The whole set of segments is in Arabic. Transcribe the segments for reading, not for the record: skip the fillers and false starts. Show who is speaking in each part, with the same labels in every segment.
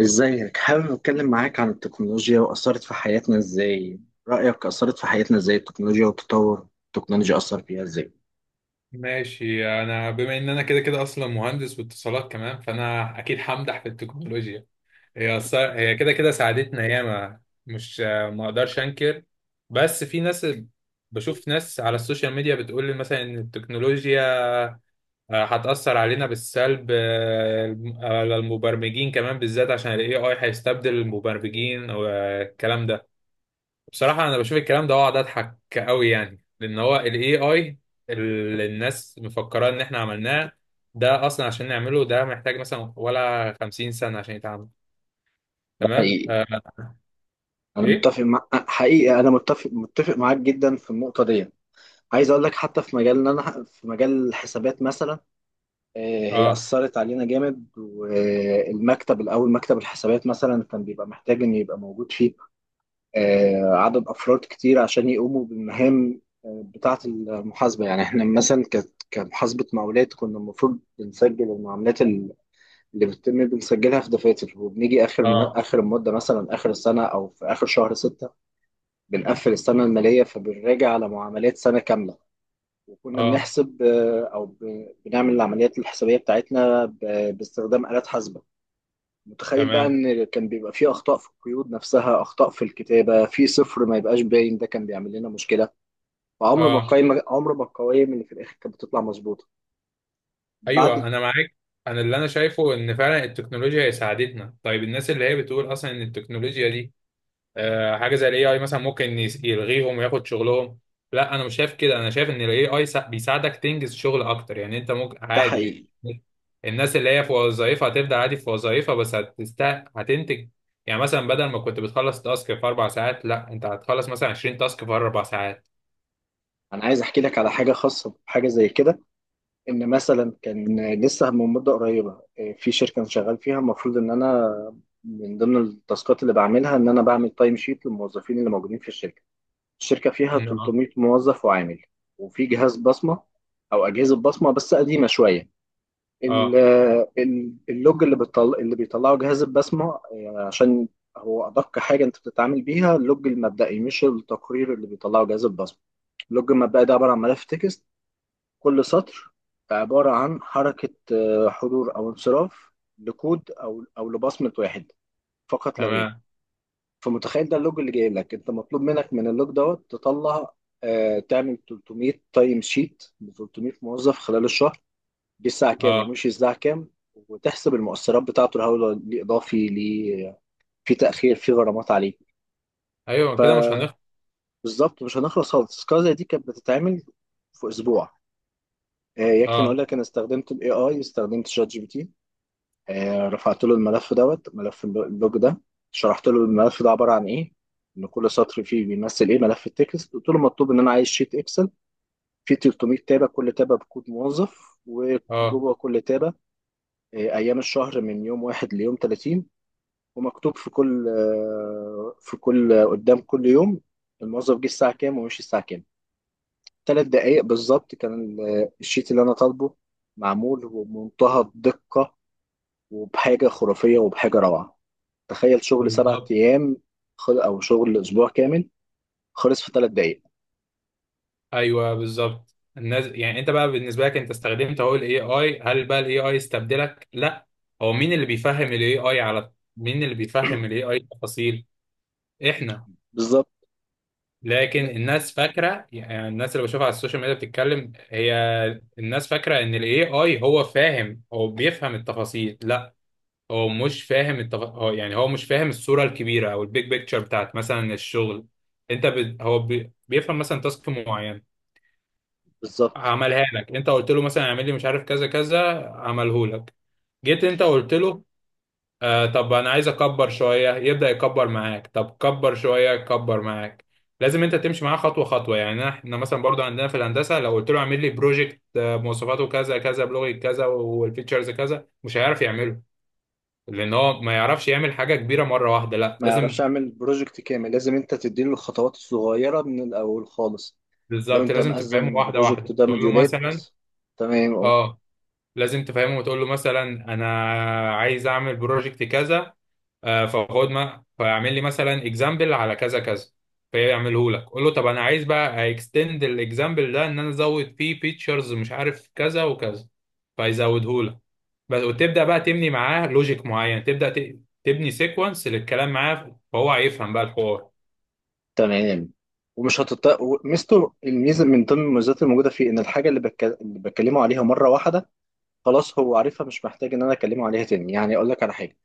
Speaker 1: ازيك؟ حابب اتكلم معاك عن التكنولوجيا واثرت في حياتنا ازاي؟ رايك اثرت في حياتنا ازاي التكنولوجيا وتطور التكنولوجيا اثر فيها ازاي؟
Speaker 2: ماشي، انا بما ان انا كده كده اصلا مهندس واتصالات كمان، فانا اكيد همدح في التكنولوجيا. هي كده كده ساعدتنا ياما، مش؟ ما اقدرش انكر، بس في ناس. بشوف ناس على السوشيال ميديا بتقول لي مثلا ان التكنولوجيا هتأثر علينا بالسلب، على المبرمجين كمان، بالذات عشان ال AI هيستبدل المبرمجين والكلام ده. بصراحة أنا بشوف الكلام ده وأقعد أضحك أوي، يعني لأن هو ال AI اللي الناس مفكرة إن إحنا عملناه، ده أصلا عشان نعمله ده محتاج مثلا ولا 50 سنة عشان يتعمل.
Speaker 1: ده
Speaker 2: تمام.
Speaker 1: حقيقي.
Speaker 2: آه.
Speaker 1: انا
Speaker 2: إيه.
Speaker 1: متفق مع حقيقي انا متفق متفق معاك جدا في النقطه دي. عايز اقول لك حتى في مجالنا، انا في مجال الحسابات مثلا. آه، هي
Speaker 2: آه.
Speaker 1: اثرت علينا جامد، والمكتب الاول، مكتب الحسابات مثلا، كان بيبقى محتاج انه يبقى موجود فيه عدد أفراد كتير عشان يقوموا بالمهام بتاعة المحاسبة. يعني إحنا مثلا كمحاسبة مقاولات كنا المفروض بنسجل المعاملات اللي بتتم بنسجلها في دفاتر، وبنيجي آخر
Speaker 2: آه.
Speaker 1: آخر المدة، مثلا آخر السنة، أو في آخر شهر ستة بنقفل السنة المالية، فبنراجع على معاملات سنة كاملة. وكنا
Speaker 2: آه.
Speaker 1: بنحسب أو بنعمل العمليات الحسابية بتاعتنا باستخدام آلات حاسبة. متخيل بقى
Speaker 2: تمام.
Speaker 1: ان كان بيبقى فيه اخطاء في القيود نفسها، اخطاء في الكتابه، في صفر ما يبقاش باين، ده كان بيعمل لنا مشكله، وعمر ما
Speaker 2: آه.
Speaker 1: القايمه عمر ما القوائم اللي في الاخر كانت بتطلع مظبوطه بعد.
Speaker 2: أيوه أنا معاك. أنا اللي أنا شايفه إن فعلا التكنولوجيا هي ساعدتنا. طيب الناس اللي هي بتقول أصلا إن التكنولوجيا دي حاجه زي الاي اي مثلا ممكن يلغيهم وياخد شغلهم. لا انا مش شايف كده، انا شايف ان الاي اي بيساعدك تنجز شغل اكتر. يعني انت ممكن
Speaker 1: ده
Speaker 2: عادي
Speaker 1: حقيقي.
Speaker 2: الناس اللي هي في وظائفها هتبدا عادي في وظائفها، بس هتنتج. يعني مثلا بدل ما كنت بتخلص تاسك في 4 ساعات، لا انت هتخلص مثلا 20 تاسك في 4 ساعات.
Speaker 1: انا عايز احكي لك على حاجه خاصه بحاجه زي كده. ان مثلا كان لسه من مده قريبه، في شركه انا شغال فيها، المفروض ان انا من ضمن التاسكات اللي بعملها ان انا بعمل تايم شيت للموظفين اللي موجودين في الشركه. الشركه فيها
Speaker 2: اه.
Speaker 1: 300 موظف وعامل، وفي جهاز بصمه، او اجهزه بصمه بس قديمه شويه. ال-
Speaker 2: اه.
Speaker 1: اللوج اللي اللي بيطلعه جهاز البسمة، يعني عشان هو أدق حاجة أنت بتتعامل بيها، اللوج المبدئي مش التقرير اللي بيطلعه جهاز البسمة. اللوج المبدئي ده عبارة عن ملف تكست، كل سطر عبارة عن حركة حضور أو انصراف لكود أو لبصمة واحد فقط لا غير.
Speaker 2: تمام.
Speaker 1: فمتخيل ده اللوج اللي جاي لك، أنت مطلوب منك من اللوج دوت تطلع، تعمل 300 تايم شيت ب 300 موظف خلال الشهر، جه الساعه كام
Speaker 2: اه.
Speaker 1: ومشي الساعه كام، وتحسب المؤثرات بتاعته، الهوله ليه، اضافي ليه، في تاخير، في غرامات عليه.
Speaker 2: ايوه كده مش هنخ.
Speaker 1: فبالظبط مش هنخلص خالص. تذكره زي دي كانت بتتعمل في اسبوع. يكفي نقول
Speaker 2: اه.
Speaker 1: لك انا استخدمت الاي اي، استخدمت شات جي بي تي، رفعت له الملف دوت، ملف اللوج ده. شرحت له الملف ده عباره عن ايه، ان كل سطر فيه بيمثل ايه، ملف التكست. قلت له مطلوب، ان انا عايز شيت اكسل فيه 300 تابه، كل تابه بكود موظف،
Speaker 2: اه.
Speaker 1: وجوه كل تابه ايام الشهر من يوم 1 ليوم 30، ومكتوب في كل آه، في كل قدام كل يوم الموظف جه الساعة كام ومشي الساعة كام. 3 دقايق بالظبط كان الشيت اللي أنا طالبه معمول، وبمنتهى الدقة، وبحاجة خرافية، وبحاجة روعة. تخيل شغل سبعة
Speaker 2: بالظبط.
Speaker 1: أيام أو شغل أسبوع كامل، خلص في 3 دقايق.
Speaker 2: ايوه بالظبط. الناس، يعني انت بقى بالنسبه لك انت استخدمت اهو الاي اي. هل بقى الاي اي استبدلك؟ لا. هو مين اللي بيفهم الاي اي على، مين اللي بيفهم الاي اي التفاصيل؟ احنا.
Speaker 1: بالظبط.
Speaker 2: لكن
Speaker 1: لا،
Speaker 2: الناس فاكره، يعني الناس اللي بشوفها على السوشيال ميديا بتتكلم هي. الناس فاكره ان الاي اي هو فاهم، هو بيفهم التفاصيل. لا هو مش فاهم التف... هو يعني هو مش فاهم الصوره الكبيره او البيج بيكتشر بتاعت مثلا الشغل. انت ب... هو بي... بيفهم مثلا تاسك معين
Speaker 1: بالظبط.
Speaker 2: عملها لك. انت قلت له مثلا اعمل لي مش عارف كذا كذا، عمله لك. جيت انت قلت له آه طب انا عايز اكبر شويه، يبدا يكبر معاك. طب كبر شويه، يكبر معاك. لازم انت تمشي معاه خطوه خطوه. يعني احنا مثلا برضو عندنا في الهندسه، لو قلت له اعمل لي بروجكت مواصفاته كذا كذا بلغه كذا والفيتشرز كذا، مش هيعرف يعمله. لان هو ما يعرفش يعمل حاجه كبيره مره واحده، لا
Speaker 1: ما يعرفش
Speaker 2: لازم.
Speaker 1: أعمل بروجكت كامل، لازم أنت تديله الخطوات الصغيرة من الأول خالص. لو
Speaker 2: بالظبط
Speaker 1: أنت
Speaker 2: لازم
Speaker 1: مقسم
Speaker 2: تفهمه واحده
Speaker 1: البروجكت
Speaker 2: واحده،
Speaker 1: ده
Speaker 2: تقول له
Speaker 1: مديولات.
Speaker 2: مثلا.
Speaker 1: تمام.
Speaker 2: اه. لازم تفهمه وتقول له مثلا انا عايز اعمل بروجكت كذا، فخد ما فيعمل لي مثلا اكزامبل على كذا كذا، فيعمله لك. قول له طب انا عايز بقى اكستند الاكزامبل ده، ان انا ازود فيه فيتشرز مش عارف كذا وكذا، فيزوده لك. بس وتبدا بقى تبني معاه لوجيك معين، تبدا تبني سيكونس للكلام معاه فهو هيفهم بقى الحوار.
Speaker 1: تمام. ومش هتط... الميزه من ضمن المميزات الموجوده فيه، ان الحاجه اللي بتكلمه عليها مره واحده، خلاص هو عارفها، مش محتاج ان انا اكلمه عليها تاني. يعني اقول لك على حاجه،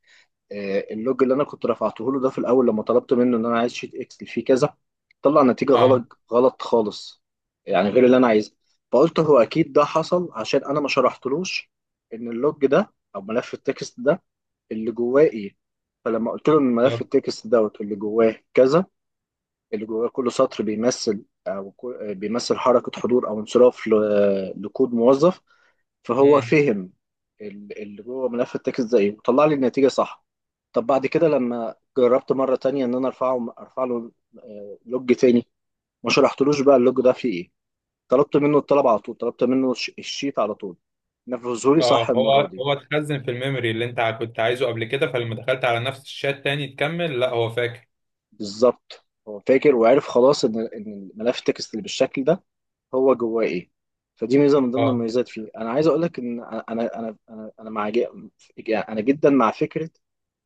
Speaker 1: اللوج اللي انا كنت رفعته له ده، في الاول لما طلبت منه ان انا عايز شيت اكسل فيه كذا، طلع نتيجه
Speaker 2: اه.
Speaker 1: غلط غلط خالص، يعني غير اللي انا عايزها. فقلت هو اكيد ده حصل عشان انا ما شرحتلوش ان اللوج ده او ملف التكست ده اللي جواه ايه. فلما قلت له ان ملف
Speaker 2: يب.
Speaker 1: التكست دوت اللي جواه كذا، اللي جواه كل سطر بيمثل أو بيمثل حركة حضور أو انصراف لكود موظف، فهو
Speaker 2: مم.
Speaker 1: فهم اللي جوه ملف التكست ده إيه، وطلع لي النتيجة صح. طب بعد كده لما جربت مرة تانية إن أنا أرفع له لوج تاني، ما شرحتلوش بقى اللوج ده فيه إيه، طلبت منه الطلب على طول، طلبت منه الشيت على طول، نفذهولي صح
Speaker 2: اه
Speaker 1: المرة
Speaker 2: هو
Speaker 1: دي.
Speaker 2: هو اتخزن في الميموري اللي انت كنت عايزه قبل كده، فلما دخلت على نفس الشات تاني تكمل لا هو فاكر.
Speaker 1: بالظبط، هو فاكر وعرف خلاص إن ملف التكست اللي بالشكل ده هو جواه ايه. فدي ميزه من ضمن
Speaker 2: اه.
Speaker 1: المميزات فيه. انا عايز اقول لك ان انا انا انا انا مع ج- يعني انا جدا مع فكره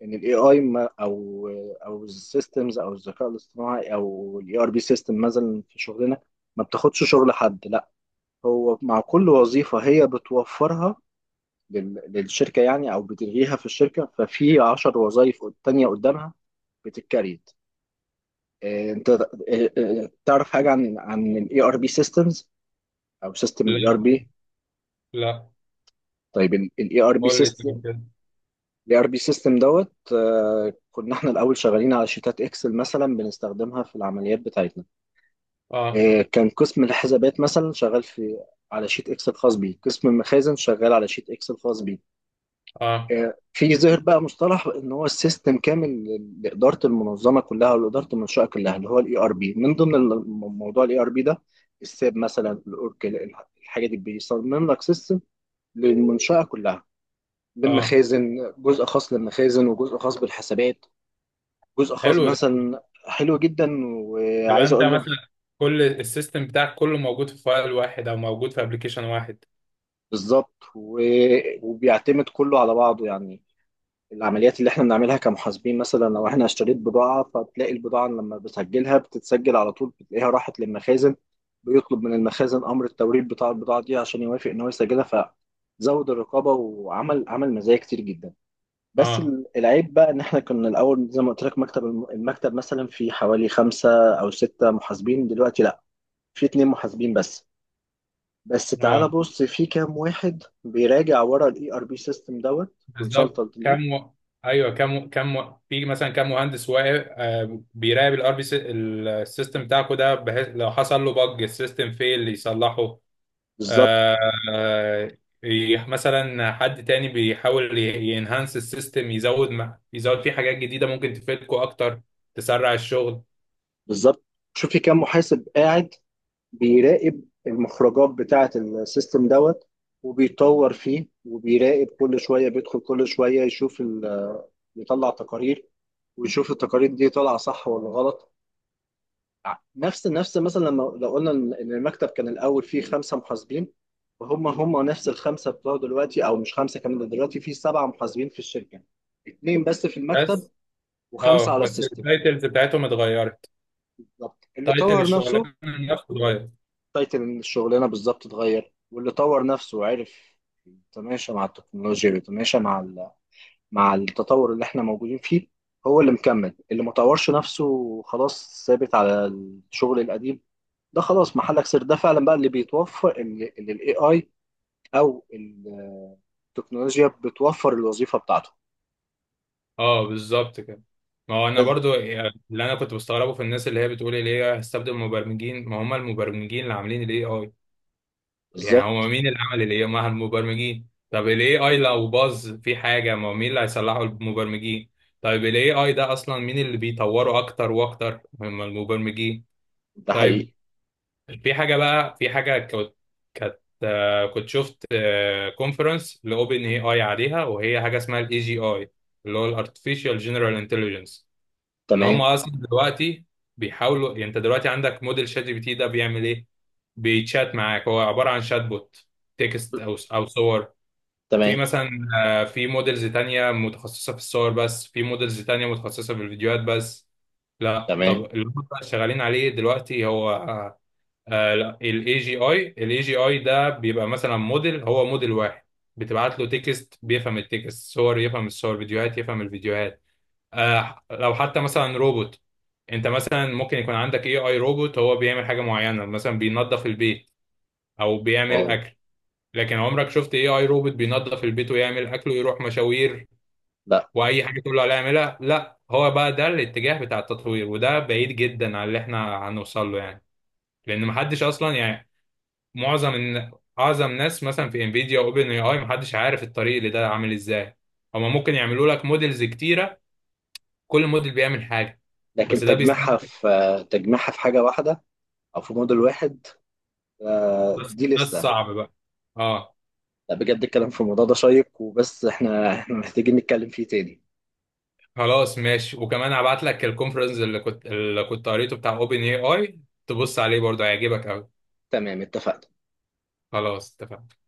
Speaker 1: ان الاي اي، او او السيستمز، او الذكاء الاصطناعي، او الاي ار بي سيستم مثلا في شغلنا، ما بتاخدش شغل حد. لا، هو مع كل وظيفه هي بتوفرها للشركه، يعني او بتلغيها في الشركه، ففي 10 وظائف تانيه قدامها بتتكريت. انت إيه، إيه، تعرف حاجه عن الاي ار بي سيستمز، او سيستم الاي ار
Speaker 2: لا.
Speaker 1: بي؟
Speaker 2: لا.
Speaker 1: طيب
Speaker 2: قول لي طيب كده.
Speaker 1: الاي ار بي سيستم دوت، كنا احنا الاول شغالين على شيتات اكسل مثلا، بنستخدمها في العمليات بتاعتنا.
Speaker 2: اه.
Speaker 1: كان قسم الحسابات مثلا شغال على شيت اكسل خاص بيه، قسم المخازن شغال على شيت اكسل خاص بيه،
Speaker 2: اه.
Speaker 1: في ظهر بقى مصطلح ان هو السيستم كامل لاداره المنظمه كلها، ولاداره المنشاه كلها، اللي هو الاي ار بي. من ضمن موضوع الاي ار بي ده، الساب مثلا، الاوركل، الحاجه دي بيصمم لك سيستم للمنشاه كلها،
Speaker 2: اه.
Speaker 1: للمخازن جزء خاص للمخازن، وجزء خاص بالحسابات، جزء خاص
Speaker 2: حلو ده.
Speaker 1: مثلا. حلو جدا.
Speaker 2: تبقى
Speaker 1: وعايز
Speaker 2: انت
Speaker 1: اقول لك
Speaker 2: مثلا كل السيستم بتاعك كله موجود في فايل واحد او موجود في ابلكيشن واحد.
Speaker 1: بالظبط، وبيعتمد كله على بعضه. يعني العمليات اللي احنا بنعملها كمحاسبين مثلا، لو احنا اشتريت بضاعة، فبتلاقي البضاعة لما بسجلها بتتسجل على طول، بتلاقيها راحت للمخازن، بيطلب من المخازن امر التوريد بتاع البضاعة دي عشان يوافق ان هو يسجلها. فزود الرقابة، وعمل مزايا كتير جدا. بس
Speaker 2: اه.
Speaker 1: العيب بقى ان احنا كنا الاول، زي ما قلت لك، مكتب المكتب مثلا في حوالي خمسة او ستة محاسبين، دلوقتي لا، في اتنين محاسبين بس. بس تعال
Speaker 2: اه
Speaker 1: بص في كام واحد بيراجع ورا الاي ار بي سيستم دوت
Speaker 2: بالظبط
Speaker 1: كونسلتنت ليه.
Speaker 2: كم و... ايوه كم كم و... في مثلا كم مهندس واقف بيراقب الار بي السيستم بتاعكو ده، بحيث لو حصل له بج السيستم فيل يصلحه.
Speaker 1: بالظبط.
Speaker 2: آه. آه، مثلا حد تاني بيحاول ينهانس السيستم، يزود يزود فيه حاجات جديدة ممكن تفيدكو اكتر، تسرع الشغل.
Speaker 1: بالظبط. شوف في كام محاسب قاعد بيراقب المخرجات بتاعة السيستم دوت، وبيطور فيه، وبيراقب، كل شوية بيدخل، كل شوية يشوف يطلع تقارير، ويشوف التقارير دي طالعة صح ولا غلط. نفس مثلا، لما لو قلنا إن المكتب كان الاول فيه خمسه محاسبين، وهم نفس الخمسه بتوع دلوقتي، او مش خمسه كمان، ده دلوقتي فيه سبعه محاسبين في الشركه، اتنين بس في المكتب،
Speaker 2: بس.
Speaker 1: وخمسه
Speaker 2: اه
Speaker 1: على
Speaker 2: بس
Speaker 1: السيستم.
Speaker 2: التايتلز بتاعتهم اتغيرت.
Speaker 1: بالظبط، اللي
Speaker 2: تايتل
Speaker 1: طور نفسه.
Speaker 2: الشغلانه نفسه اتغير.
Speaker 1: تايتل الشغلانه بالظبط اتغير، واللي طور نفسه وعرف يتماشى مع التكنولوجيا، ويتماشى مع مع التطور اللي احنا موجودين فيه، هو اللي مكمل. اللي ما طورش نفسه، خلاص ثابت على الشغل القديم، ده خلاص محلك سر. ده فعلا بقى اللي بيتوفر، اللي الاي اي او التكنولوجيا بتوفر الوظيفه بتاعته.
Speaker 2: اه بالظبط كده. ما هو انا
Speaker 1: بس
Speaker 2: برضو، يعني اللي انا كنت بستغربه في الناس اللي هي بتقول اللي هي هستبدل المبرمجين، ما هم المبرمجين اللي عاملين الاي اي. يعني هم
Speaker 1: بالظبط.
Speaker 2: مين اللي عمل الاي اي؟ ما هم المبرمجين. طب الاي اي لو باظ في حاجه، ما هو مين اللي هيصلحه؟ المبرمجين. طيب الاي اي ده اصلا مين اللي بيطوره اكتر واكتر؟ هم المبرمجين.
Speaker 1: ده
Speaker 2: طيب
Speaker 1: حقيقي.
Speaker 2: في حاجه بقى، في حاجه كنت كانت كنت شفت كونفرنس لاوبن اي اي عليها، وهي حاجه اسمها الاي جي اي، اللي هو الارتفيشال جنرال انتليجنس. ان هم
Speaker 1: تمام.
Speaker 2: اصلا دلوقتي بيحاولوا، يعني انت دلوقتي عندك موديل شات جي بي تي ده بيعمل ايه؟ بيتشات معاك، هو عباره عن شات بوت، تكست او او صور. في
Speaker 1: تمام.
Speaker 2: مثلا في موديلز تانية متخصصة في الصور بس، في موديلز تانية متخصصة في الفيديوهات بس. لا طب
Speaker 1: تمام.
Speaker 2: اللي هم بقى شغالين عليه دلوقتي هو آه لا الاي جي اي. الاي جي اي ده بيبقى مثلا موديل، هو موديل واحد بتبعت له تكست بيفهم التكست، صور يفهم الصور، فيديوهات يفهم الفيديوهات. آه لو حتى مثلا روبوت، انت مثلا ممكن يكون عندك اي اي روبوت هو بيعمل حاجه معينه، مثلا بينظف البيت او بيعمل
Speaker 1: واو.
Speaker 2: اكل. لكن عمرك شفت اي اي روبوت بينظف البيت ويعمل اكل ويروح مشاوير
Speaker 1: لا.
Speaker 2: واي حاجه تقول له عليها يعملها؟ لا. هو بقى ده الاتجاه بتاع التطوير، وده بعيد جدا عن اللي احنا هنوصل له. يعني لان محدش اصلا، يعني معظم اعظم ناس مثلا في انفيديا واوبن اي اي، محدش عارف الطريق اللي ده عامل ازاي. هما ممكن يعملوا لك موديلز كتيره، كل موديل بيعمل حاجه.
Speaker 1: لكن
Speaker 2: بس ده بيستهلك.
Speaker 1: تجميعها في حاجه واحده، او في موديل واحد،
Speaker 2: بس
Speaker 1: دي
Speaker 2: ده
Speaker 1: لسه.
Speaker 2: الصعب بقى. اه.
Speaker 1: لا، بجد الكلام في الموضوع ده شيق. وبس احنا محتاجين نتكلم فيه تاني.
Speaker 2: خلاص ماشي، وكمان هبعت لك الكونفرنس اللي كنت قريته بتاع اوبن اي اي، تبص عليه برضه هيعجبك قوي.
Speaker 1: تمام، اتفقنا.
Speaker 2: خلاص اتفقنا.